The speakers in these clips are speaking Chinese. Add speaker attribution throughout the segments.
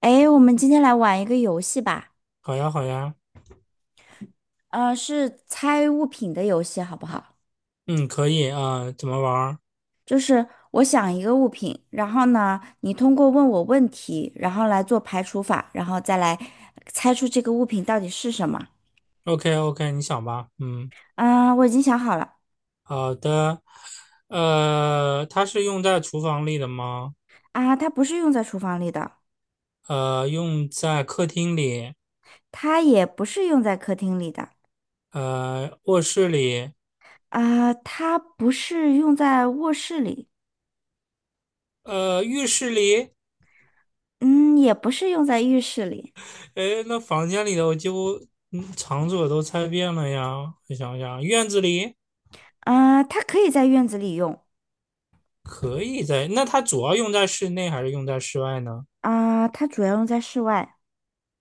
Speaker 1: 哎，我们今天来玩一个游戏吧，
Speaker 2: 好呀，好呀。
Speaker 1: 是猜物品的游戏，好不好？
Speaker 2: 嗯，可以啊。怎么玩儿
Speaker 1: 就是我想一个物品，然后呢，你通过问我问题，然后来做排除法，然后再来猜出这个物品到底是什么。
Speaker 2: ？OK,OK，你想吧。嗯，
Speaker 1: 我已经想好了，
Speaker 2: 好的。它是用在厨房里的吗？
Speaker 1: 它不是用在厨房里的，
Speaker 2: 用在客厅里？
Speaker 1: 它也不是用在客厅里的，
Speaker 2: 卧室里？
Speaker 1: 它不是用在卧室里，
Speaker 2: 浴室里？
Speaker 1: 嗯，也不是用在浴室里，
Speaker 2: 诶，那房间里的我几乎场所都猜遍了呀。我想想，院子里
Speaker 1: 它可以在院子里用，
Speaker 2: 可以在，那它主要用在室内还是用在室外呢？
Speaker 1: 它主要用在室外。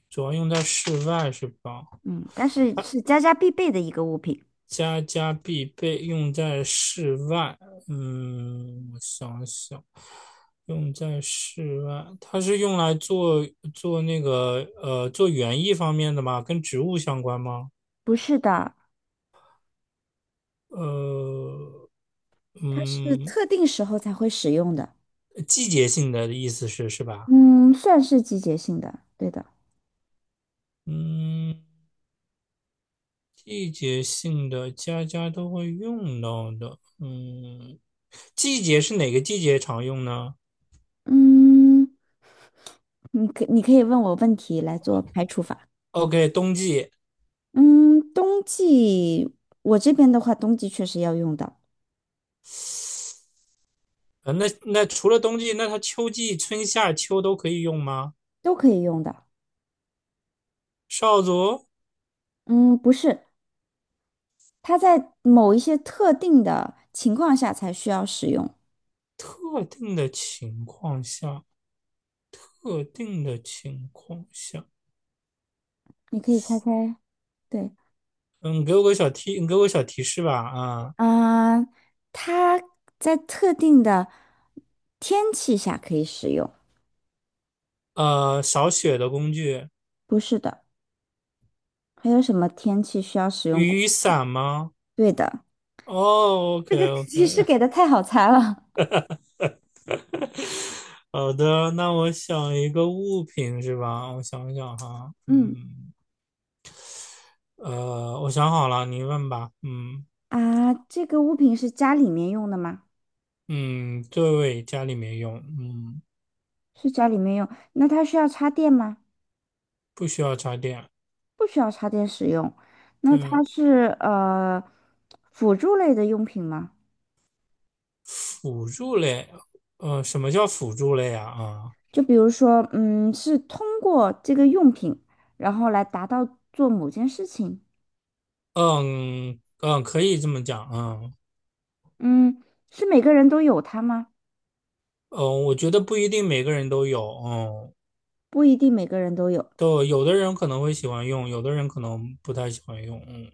Speaker 2: 主要用在室外是吧？
Speaker 1: 嗯，但是是家家必备的一个物品。
Speaker 2: 家家必备，用在室外。嗯，我想想，用在室外，它是用来做做园艺方面的吗？跟植物相关吗？
Speaker 1: 不是的，
Speaker 2: 呃，
Speaker 1: 它是
Speaker 2: 嗯，
Speaker 1: 特定时候才会使用的。
Speaker 2: 季节性的意思是是吧？
Speaker 1: 嗯，算是季节性的，对的。
Speaker 2: 嗯，季节性的家家都会用到的。嗯，季节是哪个季节常用呢
Speaker 1: 嗯，你可以问我问题来做排除法。
Speaker 2: ？OK，冬季。
Speaker 1: 嗯，冬季我这边的话，冬季确实要用到，
Speaker 2: 那除了冬季，那它秋季、春夏秋都可以用吗？
Speaker 1: 都可以用的。
Speaker 2: 少佐，
Speaker 1: 嗯，不是，它在某一些特定的情况下才需要使用。
Speaker 2: 特定的情况下，特定的情况下。
Speaker 1: 你可以猜猜，对，
Speaker 2: 嗯，给我个小提，你给我个小提示吧啊。
Speaker 1: 嗯、呃它在特定的天气下可以使用，
Speaker 2: 扫雪的工具？
Speaker 1: 不是的。还有什么天气需要使用过？
Speaker 2: 雨伞吗？
Speaker 1: 对的，
Speaker 2: 哦
Speaker 1: 这
Speaker 2: ，OK
Speaker 1: 个提示
Speaker 2: OK。
Speaker 1: 给的太好猜了。
Speaker 2: 好的，那我想一个物品是吧？我想想哈。
Speaker 1: 嗯
Speaker 2: 我想好了，你问吧。嗯
Speaker 1: 啊，这个物品是家里面用的吗？
Speaker 2: 嗯，对，家里面用，嗯。
Speaker 1: 是家里面用，那它需要插电吗？
Speaker 2: 不需要插电。
Speaker 1: 不需要插电使用。那
Speaker 2: 对。
Speaker 1: 它是辅助类的用品吗？
Speaker 2: 辅助类？什么叫辅助类啊？啊，
Speaker 1: 就比如说，嗯，是通过这个用品，然后来达到做某件事情。
Speaker 2: 嗯嗯，可以这么讲。嗯
Speaker 1: 嗯，是每个人都有它吗？
Speaker 2: 嗯，我觉得不一定每个人都有。嗯，
Speaker 1: 不一定每个人都有。
Speaker 2: 都有的人可能会喜欢用，有的人可能不太喜欢用。嗯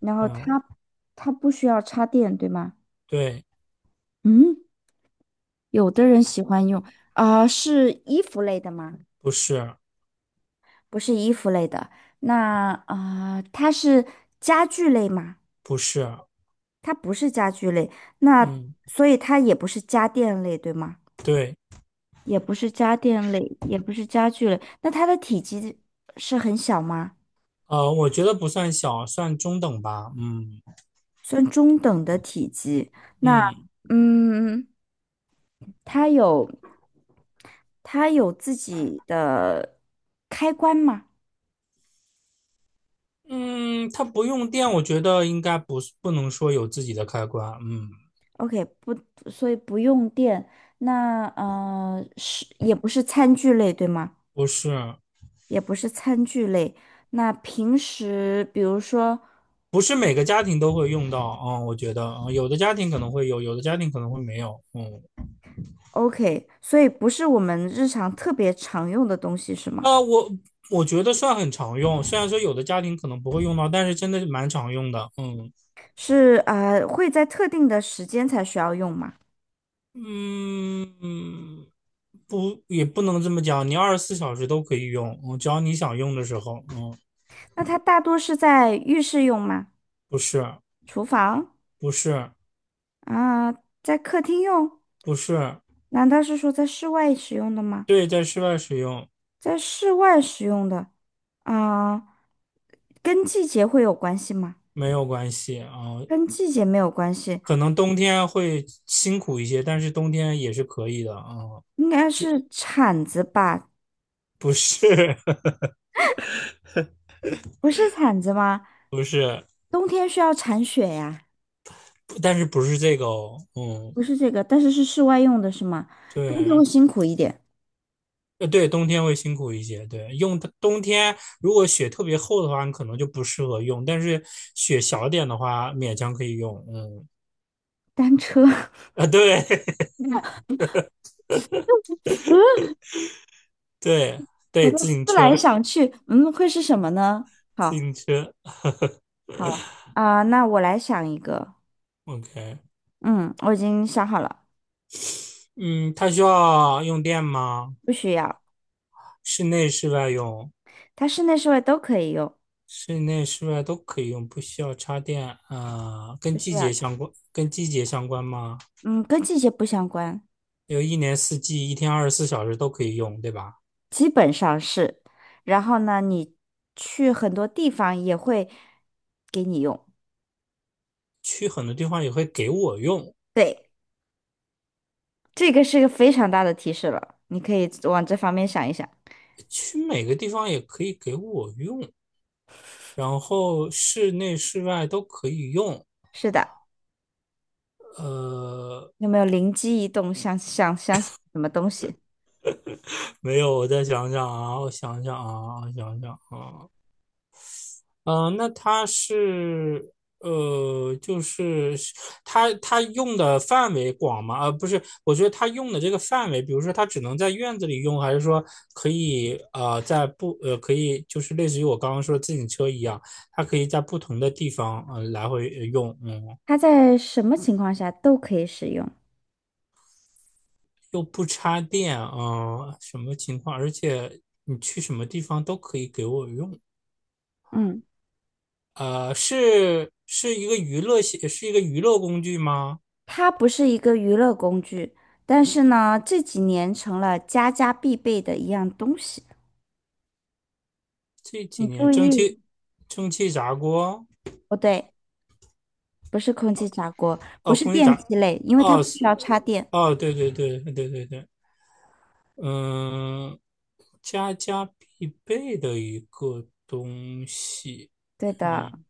Speaker 1: 然后
Speaker 2: 嗯，
Speaker 1: 它不需要插电，对吗？
Speaker 2: 对。
Speaker 1: 嗯，有的人喜欢用是衣服类的吗？
Speaker 2: 不是。
Speaker 1: 不是衣服类的。那它是家具类吗？
Speaker 2: 不是。
Speaker 1: 它不是家具类，那
Speaker 2: 嗯，
Speaker 1: 所以它也不是家电类，对吗？
Speaker 2: 对。
Speaker 1: 也不是家电类，也不是家具类。那它的体积是很小吗？
Speaker 2: 我觉得不算小，算中等吧。嗯
Speaker 1: 算中等的体积。那
Speaker 2: 嗯
Speaker 1: 嗯，它有。它有自己的开关吗
Speaker 2: 嗯，它不用电，我觉得应该不是不能说有自己的开关。嗯，
Speaker 1: ？OK，不，所以不用电。那是也不是餐具类，对吗？
Speaker 2: 不是。
Speaker 1: 也不是餐具类。那平时比如说
Speaker 2: 不是每个家庭都会用到啊、嗯我觉得有的家庭可能会有，有的家庭可能会没有。嗯。
Speaker 1: ，OK，所以不是我们日常特别常用的东西是吗？
Speaker 2: 啊，我我觉得算很常用，虽然说有的家庭可能不会用到，但是真的是蛮常用的。嗯
Speaker 1: 是会在特定的时间才需要用吗？
Speaker 2: 嗯嗯，不，也不能这么讲，你二十四小时都可以用，只要你想用的时候。嗯，
Speaker 1: 那它大多是在浴室用吗？
Speaker 2: 不是。
Speaker 1: 厨房
Speaker 2: 不是。
Speaker 1: 啊，在客厅用？
Speaker 2: 不是。
Speaker 1: 难道是说在室外使用的吗？
Speaker 2: 对，在室外使用。
Speaker 1: 在室外使用的，啊、跟季节会有关系吗？
Speaker 2: 没有关系。
Speaker 1: 跟季节没有关系，
Speaker 2: 可能冬天会辛苦一些，但是冬天也是可以的。
Speaker 1: 应该是铲子吧？
Speaker 2: 不是。
Speaker 1: 不是铲子吗？
Speaker 2: 不是，
Speaker 1: 冬天需要铲雪呀，
Speaker 2: 但是不是这个哦。嗯，
Speaker 1: 不是这个，但是是室外用的是吗？冬天
Speaker 2: 对。
Speaker 1: 会辛苦一点。
Speaker 2: 对，冬天会辛苦一些。对，用它冬天如果雪特别厚的话，你可能就不适合用，但是雪小点的话，勉强可以用。嗯，
Speaker 1: 单车，
Speaker 2: 啊，对。
Speaker 1: 嗯，
Speaker 2: 对，
Speaker 1: 我
Speaker 2: 对，
Speaker 1: 都
Speaker 2: 自
Speaker 1: 思
Speaker 2: 行
Speaker 1: 来
Speaker 2: 车，
Speaker 1: 想去，嗯，会是什么呢？好，
Speaker 2: 自行车
Speaker 1: 好那我来想一个，
Speaker 2: ，OK。
Speaker 1: 嗯，我已经想好了，
Speaker 2: 嗯，它需要用电吗？
Speaker 1: 不需要，
Speaker 2: 室内、室外用？
Speaker 1: 它室内室外都可以用，
Speaker 2: 室内、室外都可以用，不需要插电啊。跟
Speaker 1: 不
Speaker 2: 季
Speaker 1: 需要。
Speaker 2: 节相关？跟季节相关吗？
Speaker 1: 嗯，跟季节不相关，
Speaker 2: 有一年四季一天二十四小时都可以用，对吧？
Speaker 1: 基本上是。然后呢，你去很多地方也会给你用。
Speaker 2: 去很多地方也会给我用？
Speaker 1: 对，这个是个非常大的提示了，你可以往这方面想一想。
Speaker 2: 去每个地方也可以给我用，然后室内室外都可以用。
Speaker 1: 是的，
Speaker 2: 呃，
Speaker 1: 有没有灵机一动，想想什么东西？
Speaker 2: 没有，我再想想啊，那它是呃，就是是它用的范围广吗？不是，我觉得它用的这个范围，比如说它只能在院子里用，还是说可以呃在不呃可以就是类似于我刚刚说自行车一样，它可以在不同的地方来回用。嗯，
Speaker 1: 它在什么情况下都可以使用。
Speaker 2: 又不插电，什么情况？而且你去什么地方都可以给我用。
Speaker 1: 嗯，
Speaker 2: 是一个娱乐工具吗？
Speaker 1: 它不是一个娱乐工具，但是呢，这几年成了家家必备的一样东西。
Speaker 2: 这几
Speaker 1: 你
Speaker 2: 年
Speaker 1: 注
Speaker 2: 蒸汽
Speaker 1: 意，
Speaker 2: 炸锅？
Speaker 1: 不对。不是空气炸锅，不
Speaker 2: 哦，
Speaker 1: 是
Speaker 2: 空气
Speaker 1: 电
Speaker 2: 炸，
Speaker 1: 器类，因为它
Speaker 2: 哦
Speaker 1: 不需
Speaker 2: 是，
Speaker 1: 要插电。
Speaker 2: 哦，对对对对对对。嗯，家家必备的一个东西。
Speaker 1: 对的，
Speaker 2: 嗯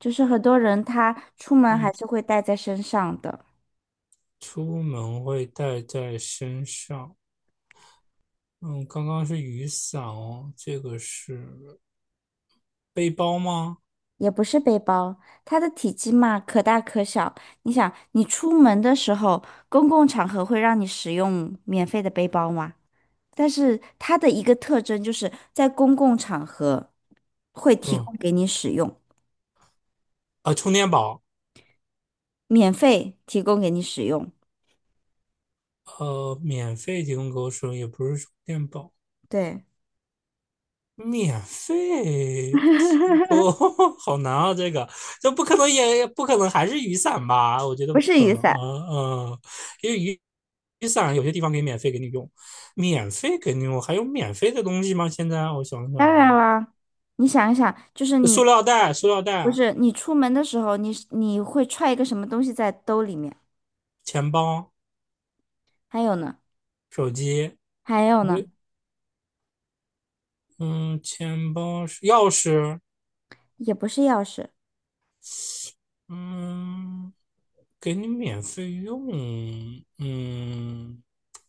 Speaker 1: 就是很多人他出门还
Speaker 2: 嗯，
Speaker 1: 是会带在身上的，
Speaker 2: 出门会带在身上。嗯，刚刚是雨伞哦，这个是背包吗？
Speaker 1: 也不是背包，它的体积嘛可大可小。你想，你出门的时候，公共场合会让你使用免费的背包吗？但是它的一个特征就是在公共场合会提
Speaker 2: 嗯，
Speaker 1: 供给你使用，
Speaker 2: 啊，充电宝？
Speaker 1: 免费提供给你使用。
Speaker 2: 免费提供给我使用，也不是充电宝。
Speaker 1: 对，
Speaker 2: 免费提供？好难啊！这不可能，也也不可能还是雨伞吧？我觉得
Speaker 1: 不
Speaker 2: 不
Speaker 1: 是
Speaker 2: 可
Speaker 1: 雨
Speaker 2: 能。
Speaker 1: 伞，
Speaker 2: 嗯嗯，因为雨伞有些地方可以免费给你用，免费给你用。还有免费的东西吗？现在我想想
Speaker 1: 当
Speaker 2: 啊。
Speaker 1: 然啦。你想一想，就是你
Speaker 2: 塑料袋、塑料
Speaker 1: 不
Speaker 2: 袋、
Speaker 1: 是，你出门的时候，你是你会揣一个什么东西在兜里面？
Speaker 2: 钱包、
Speaker 1: 还有呢？
Speaker 2: 手机？
Speaker 1: 还有
Speaker 2: 不
Speaker 1: 呢？
Speaker 2: 对。嗯，钱包、钥匙？
Speaker 1: 也不是钥匙。
Speaker 2: 嗯，给你免费用。嗯，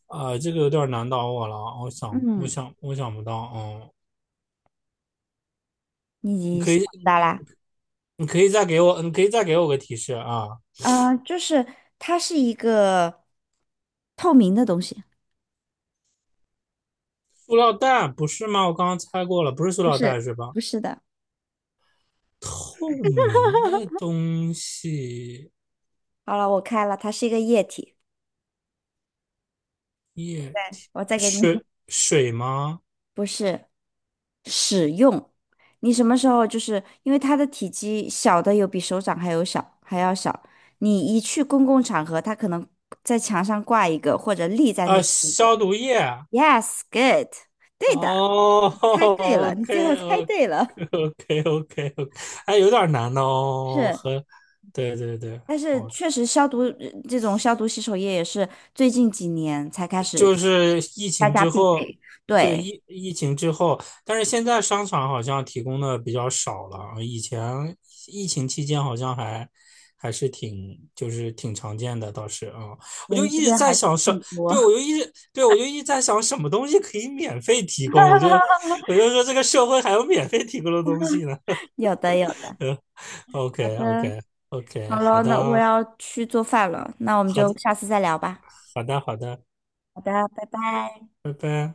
Speaker 2: 啊，这个有点难倒我了。我想，我
Speaker 1: 嗯，
Speaker 2: 想，我想不到。哦，你
Speaker 1: 你
Speaker 2: 可以，
Speaker 1: 咋啦？
Speaker 2: 你可以再给我，你可以再给我个提示啊。
Speaker 1: 就是它是一个透明的东西。
Speaker 2: 塑料袋不是吗？我刚刚猜过了，不是塑
Speaker 1: 不
Speaker 2: 料袋
Speaker 1: 是，
Speaker 2: 是吧？
Speaker 1: 不是的。
Speaker 2: 透明的东西？
Speaker 1: 好了，我开了，它是一个液体。
Speaker 2: 液体？
Speaker 1: 我再给你，
Speaker 2: 水，水吗？
Speaker 1: 不是使用。你什么时候就是因为它的体积小的有比手掌还有小还要小，你一去公共场合，它可能在墙上挂一个或者立在那
Speaker 2: 啊，
Speaker 1: 边一个。
Speaker 2: 消毒液？
Speaker 1: Yes, good，对的，
Speaker 2: 哦
Speaker 1: 你猜对了，你最后
Speaker 2: ，OK
Speaker 1: 猜
Speaker 2: OK
Speaker 1: 对了，
Speaker 2: OK OK。还有点儿难哦，
Speaker 1: 是，
Speaker 2: 和，对对对。
Speaker 1: 但是
Speaker 2: 哦，
Speaker 1: 确实消毒这种消毒洗手液也是最近几年才开
Speaker 2: 就
Speaker 1: 始
Speaker 2: 是疫
Speaker 1: 大
Speaker 2: 情
Speaker 1: 家
Speaker 2: 之
Speaker 1: 必
Speaker 2: 后。
Speaker 1: 备，
Speaker 2: 对
Speaker 1: 对，
Speaker 2: 疫疫情之后。但是现在商场好像提供的比较少了，以前疫情期间好像还是挺挺常见的，倒是啊。我
Speaker 1: 我
Speaker 2: 就
Speaker 1: 们这
Speaker 2: 一直
Speaker 1: 边
Speaker 2: 在
Speaker 1: 还是
Speaker 2: 想
Speaker 1: 很
Speaker 2: 什，
Speaker 1: 多，
Speaker 2: 对我就一直在想什么东西可以免费提供。我 就说这个社会还有免费提供的东西呢。
Speaker 1: 有的有 的，
Speaker 2: 嗯。 o
Speaker 1: 好
Speaker 2: k o
Speaker 1: 的，
Speaker 2: k o k
Speaker 1: 好
Speaker 2: 好
Speaker 1: 了，
Speaker 2: 的，
Speaker 1: 那我要去做饭了，那我们
Speaker 2: 好
Speaker 1: 就
Speaker 2: 的，
Speaker 1: 下次再聊吧，
Speaker 2: 好的，好的，
Speaker 1: 好的，拜拜。
Speaker 2: 拜拜。